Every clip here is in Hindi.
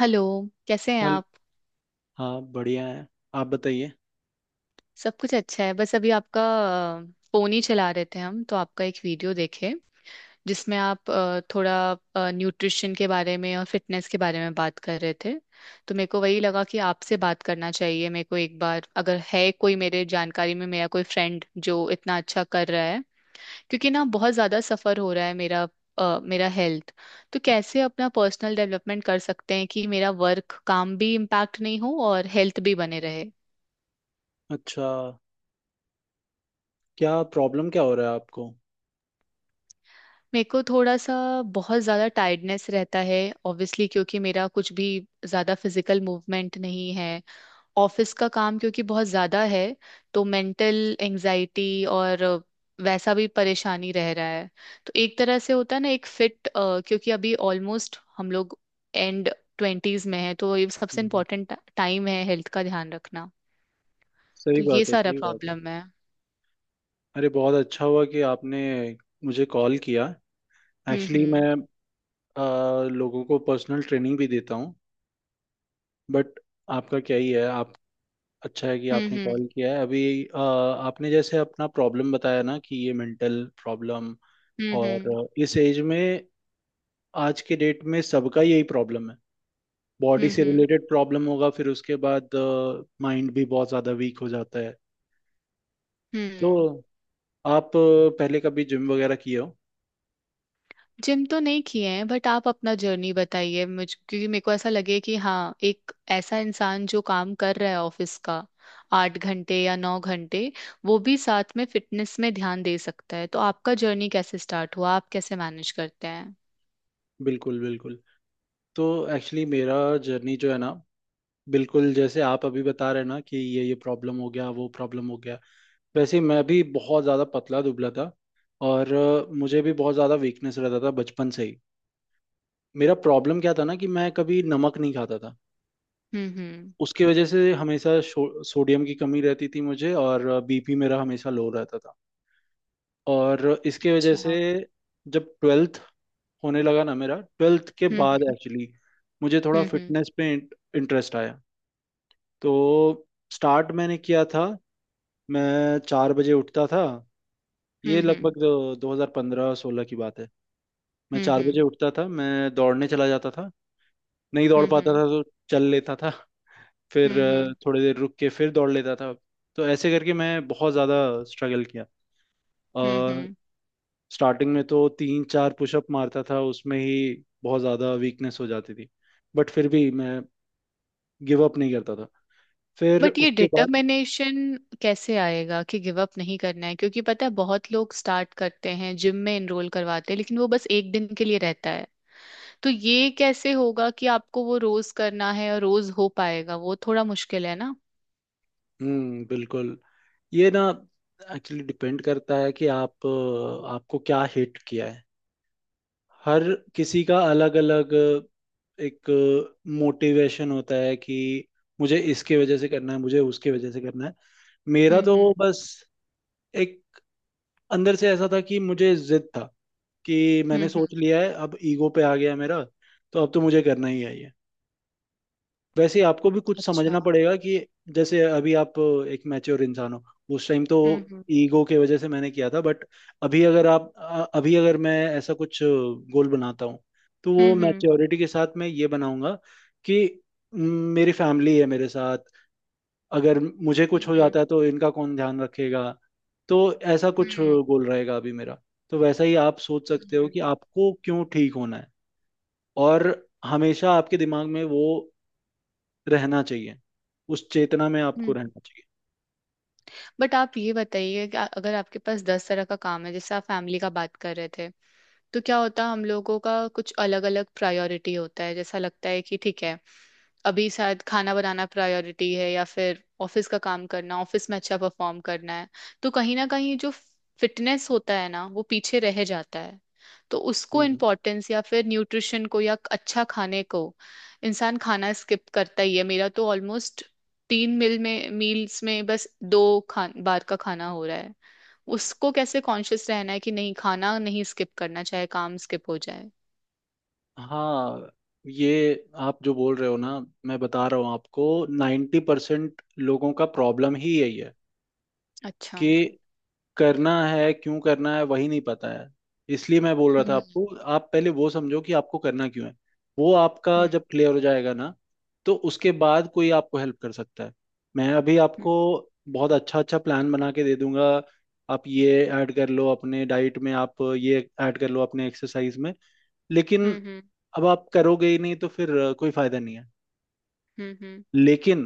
हेलो। कैसे हैं चल। आप? हाँ, बढ़िया है। आप बताइए। सब कुछ अच्छा है, बस अभी आपका फोन ही चला रहे थे। हम तो आपका एक वीडियो देखे जिसमें आप थोड़ा न्यूट्रिशन के बारे में और फिटनेस के बारे में बात कर रहे थे। तो मेरे को वही लगा कि आपसे बात करना चाहिए मेरे को एक बार, अगर है कोई मेरे जानकारी में मेरा कोई फ्रेंड जो इतना अच्छा कर रहा है। क्योंकि ना बहुत ज़्यादा सफ़र हो रहा है मेरा, मेरा हेल्थ। तो कैसे अपना पर्सनल डेवलपमेंट कर सकते हैं कि मेरा वर्क काम भी इम्पैक्ट नहीं हो और हेल्थ भी बने रहे। अच्छा, क्या प्रॉब्लम क्या हो रहा है आपको? मेरे को थोड़ा सा बहुत ज़्यादा टायर्डनेस रहता है, ऑब्वियसली क्योंकि मेरा कुछ भी ज़्यादा फिजिकल मूवमेंट नहीं है। ऑफिस का काम क्योंकि बहुत ज़्यादा है, तो मेंटल एंजाइटी और वैसा भी परेशानी रह रहा है। तो एक तरह से होता है ना, एक फिट, क्योंकि अभी ऑलमोस्ट हम लोग एंड ट्वेंटीज में है, तो ये सबसे हम्म, इम्पोर्टेंट टाइम है हेल्थ का ध्यान रखना। सही तो ये बात है, सारा सही बात है। प्रॉब्लम है। अरे, बहुत अच्छा हुआ कि आपने मुझे कॉल किया। हम्म। एक्चुअली मैं हम्म। अ, लोगों को पर्सनल ट्रेनिंग भी देता हूँ, बट आपका क्या ही है आप। अच्छा है कि आपने हम्म। कॉल किया है अभी। आपने जैसे अपना प्रॉब्लम बताया ना कि ये मेंटल प्रॉब्लम। हम्म। हम्म। हम्म। और इस एज में, आज के डेट में सबका यही प्रॉब्लम है। बॉडी हम्म। से हम्म। रिलेटेड प्रॉब्लम होगा, फिर उसके बाद माइंड भी बहुत ज़्यादा वीक हो जाता है। तो हम्म। आप पहले कभी जिम वगैरह किए हो? जिम तो नहीं किए हैं, बट आप अपना जर्नी बताइए मुझ, क्योंकि मेरे को ऐसा लगे कि हाँ, एक ऐसा इंसान जो काम कर रहा है ऑफिस का, 8 घंटे या 9 घंटे, वो भी साथ में फिटनेस में ध्यान दे सकता है। तो आपका जर्नी कैसे स्टार्ट हुआ, आप कैसे मैनेज करते हैं? बिल्कुल बिल्कुल। तो एक्चुअली मेरा जर्नी जो है ना, बिल्कुल जैसे आप अभी बता रहे हैं ना कि ये प्रॉब्लम हो गया, वो प्रॉब्लम हो गया, वैसे ही मैं भी बहुत ज़्यादा पतला दुबला था। और मुझे भी बहुत ज़्यादा वीकनेस रहता था बचपन से ही। मेरा प्रॉब्लम क्या था ना कि मैं कभी नमक नहीं खाता था। हम्म, हम्म। उसकी वजह से हमेशा सोडियम की कमी रहती थी मुझे, और बीपी मेरा हमेशा लो रहता था। और इसकी वजह से अच्छा। जब 12th होने लगा ना, मेरा 12th के बाद हम्म, एक्चुअली मुझे थोड़ा हम्म, हम्म, फिटनेस पे इंटरेस्ट आया। तो स्टार्ट मैंने किया था। मैं 4 बजे उठता था। ये हम्म, हम्म, लगभग 2015-16 की बात है। मैं 4 बजे हम्म, उठता था, मैं दौड़ने चला जाता था। नहीं दौड़ पाता हम्म, था तो चल लेता था। फिर हम्म, हम्म, थोड़ी देर रुक के फिर दौड़ लेता था। तो ऐसे करके मैं बहुत ज़्यादा स्ट्रगल हम्म, किया। हम्म। स्टार्टिंग में तो तीन चार पुशअप मारता था उसमें ही बहुत ज़्यादा वीकनेस हो जाती थी, बट फिर भी मैं गिव अप नहीं करता था। फिर बट ये उसके बाद डिटर्मिनेशन कैसे आएगा कि गिव अप नहीं करना है? क्योंकि पता है बहुत लोग स्टार्ट करते हैं, जिम में एनरोल करवाते हैं, लेकिन वो बस एक दिन के लिए रहता है। तो ये कैसे होगा कि आपको वो रोज करना है, और रोज हो पाएगा वो, थोड़ा मुश्किल है ना। हम्म, बिल्कुल। ये ना एक्चुअली डिपेंड करता है कि आप, आपको क्या हिट किया है। हर किसी का अलग अलग एक मोटिवेशन होता है कि मुझे इसके वजह से करना है, मुझे उसके वजह से करना है। मेरा हम्म, तो हम्म, बस एक अंदर से ऐसा था कि मुझे जिद था, कि हम्म, मैंने हम्म। सोच लिया है, अब ईगो पे आ गया है मेरा। तो अब तो मुझे करना ही है ये। वैसे ही आपको भी कुछ अच्छा। समझना पड़ेगा कि जैसे अभी आप एक मैच्योर इंसान हो। उस टाइम तो हम्म, हम्म, ईगो के वजह से मैंने किया था, बट अभी अगर आप अभी अगर मैं ऐसा कुछ गोल बनाता हूँ तो वो हम्म, हम्म, मैच्योरिटी के साथ मैं ये बनाऊंगा कि म, मेरी फैमिली है मेरे साथ। अगर मुझे कुछ हो हम्म, जाता है तो इनका कौन ध्यान रखेगा? तो ऐसा कुछ हम्म, गोल रहेगा अभी मेरा। तो वैसा ही आप सोच सकते हो हम्म, कि आपको क्यों ठीक होना है। और हमेशा आपके दिमाग में वो रहना चाहिए, उस चेतना में हम्म, आपको रहना चाहिए। बट आप ये बताइए कि अगर आपके पास 10 तरह का काम है, जैसे आप फैमिली का बात कर रहे थे। तो क्या होता है हम लोगों का, कुछ अलग अलग प्रायोरिटी होता है, जैसा लगता है कि ठीक है, अभी शायद खाना बनाना प्रायोरिटी है या फिर ऑफिस का काम करना, ऑफिस में अच्छा परफॉर्म करना है। तो कहीं ना कहीं जो फिटनेस होता है ना, वो पीछे रह जाता है। तो उसको हम्म। इम्पोर्टेंस, या फिर न्यूट्रिशन को, या अच्छा खाने को, इंसान खाना स्किप करता ही है। मेरा तो ऑलमोस्ट तीन मील में मील्स में बस दो खान बार का खाना हो रहा है। उसको कैसे कॉन्शियस रहना है कि नहीं, खाना नहीं स्किप करना, चाहे काम स्किप हो जाए। हाँ, ये आप जो बोल रहे हो ना, मैं बता रहा हूँ आपको, 90% लोगों का प्रॉब्लम ही यही है। अच्छा। कि करना है, क्यों करना है वही नहीं पता है। इसलिए मैं बोल रहा था हम्म, आपको, आप पहले वो समझो कि आपको करना क्यों है। वो आपका हम्म, जब क्लियर हो जाएगा ना तो उसके बाद कोई आपको हेल्प कर सकता है। मैं अभी हम्म, आपको बहुत अच्छा अच्छा प्लान बना के दे दूंगा। आप ये ऐड कर लो अपने डाइट में, आप ये ऐड कर लो अपने एक्सरसाइज में, लेकिन हम्म, अब आप करोगे ही नहीं तो फिर कोई फायदा नहीं है। हम्म, हम्म, लेकिन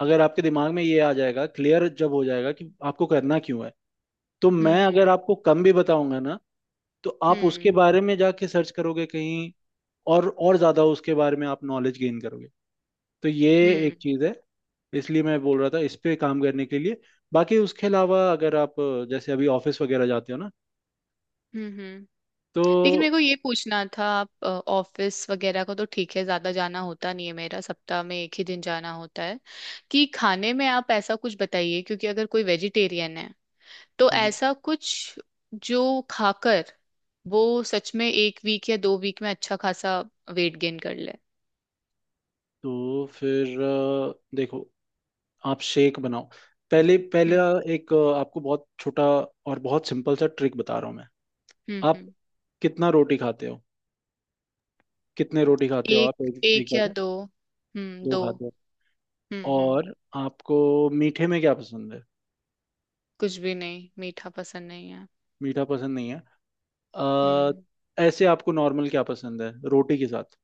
अगर आपके दिमाग में ये आ जाएगा, क्लियर जब हो जाएगा कि आपको करना क्यों है, तो हम्म, मैं अगर हम्म, आपको कम भी बताऊंगा ना तो आप उसके हम्म, बारे में जाके सर्च करोगे कहीं, और ज्यादा उसके बारे में आप नॉलेज गेन करोगे। तो ये हम्म, एक चीज है। इसलिए मैं बोल रहा था इस पे काम करने के लिए। बाकी उसके अलावा अगर आप, जैसे अभी ऑफिस वगैरह जाते हो ना हम्म, तो, लेकिन मेरे को ये पूछना था, आप ऑफिस वगैरह को तो ठीक है, ज्यादा जाना होता नहीं है, मेरा सप्ताह में एक ही दिन जाना होता है। कि खाने में आप ऐसा कुछ बताइए, क्योंकि अगर कोई वेजिटेरियन है तो हम्म, ऐसा कुछ जो खाकर वो सच में एक वीक या 2 वीक में अच्छा खासा वेट गेन कर ले। तो फिर देखो, आप शेक बनाओ। पहले, हम्म, पहला एक, आपको बहुत छोटा और बहुत सिंपल सा ट्रिक बता रहा हूँ मैं। हम्म, आप हम्म। कितना रोटी खाते हो? कितने रोटी खाते हो आप एक एक एक बार या में? दो, हम्म, दो दो। खाते हो? हम्म, हम्म। और आपको मीठे में क्या पसंद है? कुछ भी नहीं, मीठा पसंद नहीं है। मीठा पसंद नहीं है। अ, हम्म। ऐसे आपको नॉर्मल क्या पसंद है रोटी के साथ?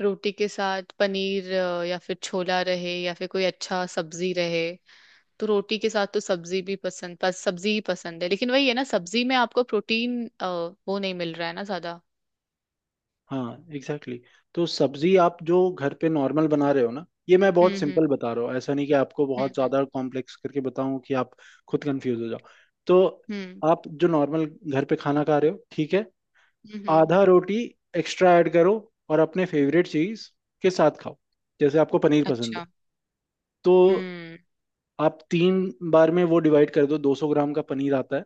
रोटी के साथ पनीर, या फिर छोला रहे, या फिर कोई अच्छा सब्जी रहे। तो रोटी के साथ तो सब्जी भी पसंद, सब्जी ही पसंद है, लेकिन वही है ना, सब्जी में आपको प्रोटीन, वो नहीं मिल रहा है ना ज्यादा। हाँ, एग्जैक्टली exactly। तो सब्जी आप जो घर पे नॉर्मल बना रहे हो ना, ये मैं बहुत हम्म, हम्म, सिंपल बता रहा हूँ, ऐसा नहीं कि आपको बहुत हम्म, ज्यादा कॉम्प्लेक्स करके बताऊं कि आप खुद कंफ्यूज हो जाओ। तो हम्म, आप जो नॉर्मल घर पे खाना खा रहे हो, ठीक है, हम्म, हम्म। आधा रोटी एक्स्ट्रा ऐड करो और अपने फेवरेट चीज के साथ खाओ। जैसे आपको पनीर पसंद अच्छा। है, तो हम्म। आप तीन बार में वो डिवाइड कर दो। 200 ग्राम का पनीर आता है,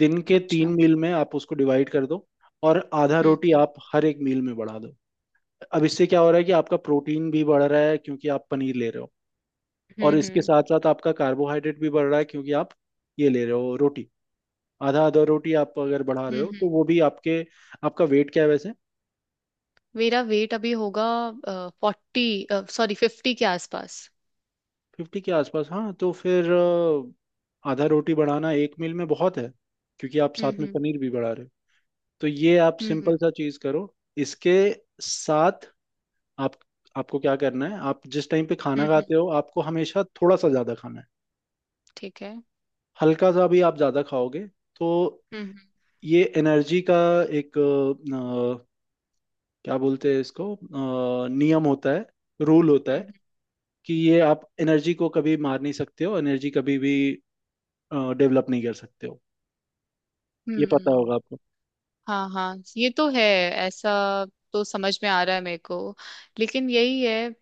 दिन के तीन अच्छा। मील में आप उसको डिवाइड कर दो। और आधा हम्म, रोटी आप हर एक मील में बढ़ा दो। अब इससे क्या हो रहा है कि आपका प्रोटीन भी बढ़ रहा है क्योंकि आप पनीर ले रहे हो, और हम्म, इसके हम्म, साथ साथ आपका कार्बोहाइड्रेट भी बढ़ रहा है क्योंकि आप ये ले रहे हो रोटी। आधा आधा रोटी आप अगर बढ़ा रहे हो तो हम्म। वो भी आपके। आपका वेट क्या है वैसे? मेरा वेट अभी होगा 40, सॉरी 50 के आसपास। 50 के आसपास। हाँ, तो फिर आधा रोटी बढ़ाना एक मील में बहुत है, क्योंकि आप हम्म, साथ में हम्म, पनीर भी बढ़ा रहे हो। तो ये आप हम्म, सिंपल सा चीज करो। इसके साथ आप, आपको क्या करना है, आप जिस टाइम पे हम्म, खाना खाते हो आपको हमेशा थोड़ा सा ज्यादा खाना है। ठीक है। हल्का सा भी आप ज्यादा खाओगे तो हम्म, हम्म, ये एनर्जी का एक, क्या बोलते हैं इसको, नियम होता है, रूल होता है, हम्म, कि ये आप एनर्जी को कभी मार नहीं सकते हो, एनर्जी कभी भी डेवलप नहीं कर सकते हो। ये पता हम्म। होगा आपको। हाँ हाँ, ये तो है। ऐसा तो समझ में आ रहा है मेरे को, लेकिन यही है।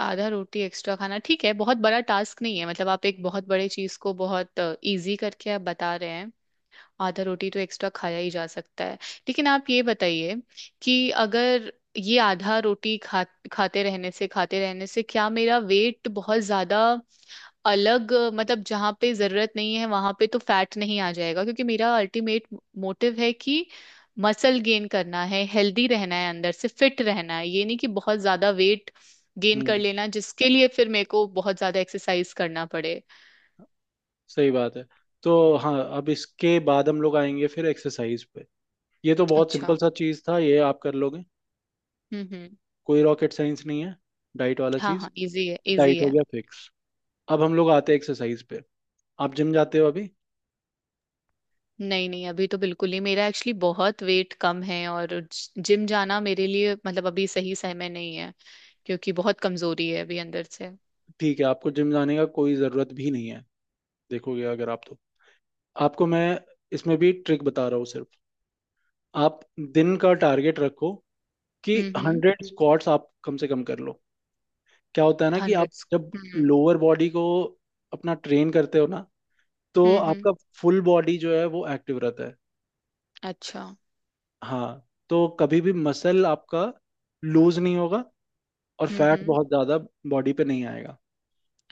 आधा रोटी एक्स्ट्रा खाना ठीक है, बहुत बड़ा टास्क नहीं है। मतलब आप एक बहुत बड़े चीज को बहुत इजी करके आप बता रहे हैं। आधा रोटी तो एक्स्ट्रा खाया ही जा सकता है। लेकिन आप ये बताइए कि अगर ये आधा रोटी खा खाते रहने से क्या मेरा वेट बहुत ज्यादा अलग, मतलब जहाँ पे जरूरत नहीं है वहां पे तो फैट नहीं आ जाएगा? क्योंकि मेरा अल्टीमेट मोटिव है कि मसल गेन करना है, हेल्दी रहना है, अंदर से फिट रहना है, ये नहीं कि बहुत ज्यादा वेट गेन कर हम्म, लेना जिसके लिए फिर मेरे को बहुत ज्यादा एक्सरसाइज करना पड़े। सही बात है। तो हाँ, अब इसके बाद हम लोग आएंगे फिर एक्सरसाइज पे। ये तो बहुत अच्छा। सिंपल सा चीज था, ये आप कर लोगे, हम्म, हम्म। कोई रॉकेट साइंस नहीं है डाइट वाला हाँ चीज। हाँ, इजी है इजी डाइट हो है। गया फिक्स। अब हम लोग आते हैं एक्सरसाइज पे। आप जिम जाते हो अभी? नहीं नहीं, अभी तो बिल्कुल ही मेरा एक्चुअली बहुत वेट कम है, और जिम जाना मेरे लिए, मतलब अभी सही समय नहीं है, क्योंकि बहुत कमजोरी है अभी अंदर से। ठीक है, आपको जिम जाने का कोई जरूरत भी नहीं है। देखोगे अगर आप, तो आपको मैं इसमें भी ट्रिक बता रहा हूँ सिर्फ। आप दिन का टारगेट रखो कि हम्म, हम्म। 100 स्क्वाट्स आप कम से कम कर लो। क्या होता है ना कि आप 100? जब लोअर बॉडी को अपना ट्रेन करते हो ना, तो हम्म, हम्म। आपका फुल बॉडी जो है वो एक्टिव रहता है। अच्छा। हाँ, तो कभी भी मसल आपका लूज नहीं होगा और हम्म, फैट हम्म। बहुत ज़्यादा बॉडी पे नहीं आएगा।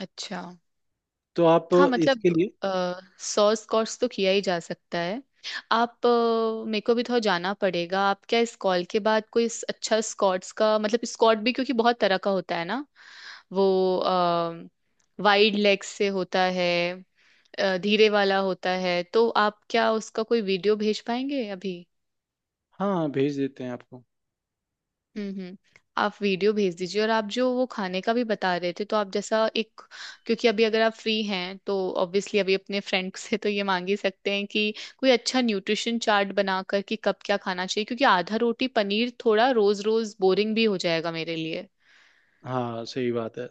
अच्छा। तो आप हाँ इसके मतलब लिए, सॉस कोर्स तो किया ही जा सकता है। आप मेरे को भी थोड़ा जाना पड़ेगा, आप क्या इस कॉल के बाद कोई अच्छा, स्कॉट्स का मतलब स्कॉट भी क्योंकि बहुत तरह का होता है ना। वो वाइड लेग से होता है, धीरे वाला होता है। तो आप क्या उसका कोई वीडियो भेज पाएंगे अभी? हाँ, भेज देते हैं आपको। हम्म, हम्म। आप वीडियो भेज दीजिए, और आप जो वो खाने का भी बता रहे थे, तो आप जैसा एक, क्योंकि अभी अगर आप फ्री हैं तो ऑब्वियसली अभी अपने फ्रेंड से तो ये मांग ही सकते हैं कि कोई अच्छा न्यूट्रिशन चार्ट बनाकर, कि कब क्या खाना चाहिए, क्योंकि आधा रोटी पनीर थोड़ा रोज रोज बोरिंग भी हो जाएगा मेरे लिए। हाँ, सही बात है।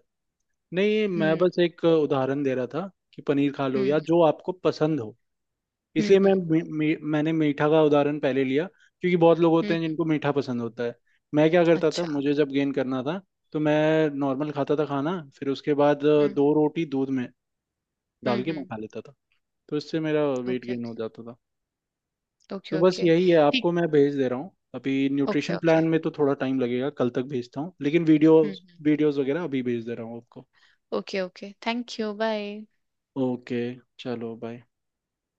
नहीं, मैं हम्म, बस एक उदाहरण दे रहा था कि पनीर खा लो हम्म, या जो आपको पसंद हो। हम्म, इसलिए मैं, हम्म, मी, मी, मैंने मीठा का उदाहरण पहले लिया, क्योंकि बहुत लोग होते हम्म। हैं जिनको मीठा पसंद होता है। मैं क्या करता था, अच्छा। मुझे जब गेन करना था तो मैं नॉर्मल खाता था खाना, फिर उसके बाद हम्म, दो रोटी दूध में हम्म, डाल के मैं हम्म। खा लेता था। तो इससे मेरा वेट ओके। गेन हो जाता था। ओके तो बस ओके। यही है, ठीक। आपको मैं भेज दे रहा हूँ अभी। Okay nutrition okay. प्लान में तो थोड़ा टाइम लगेगा, कल तक भेजता हूँ, लेकिन वीडियोस हम्म। वीडियोस वगैरह अभी भेज दे रहा हूँ आपको। Okay okay, thank you, bye. Okay, चलो बाय।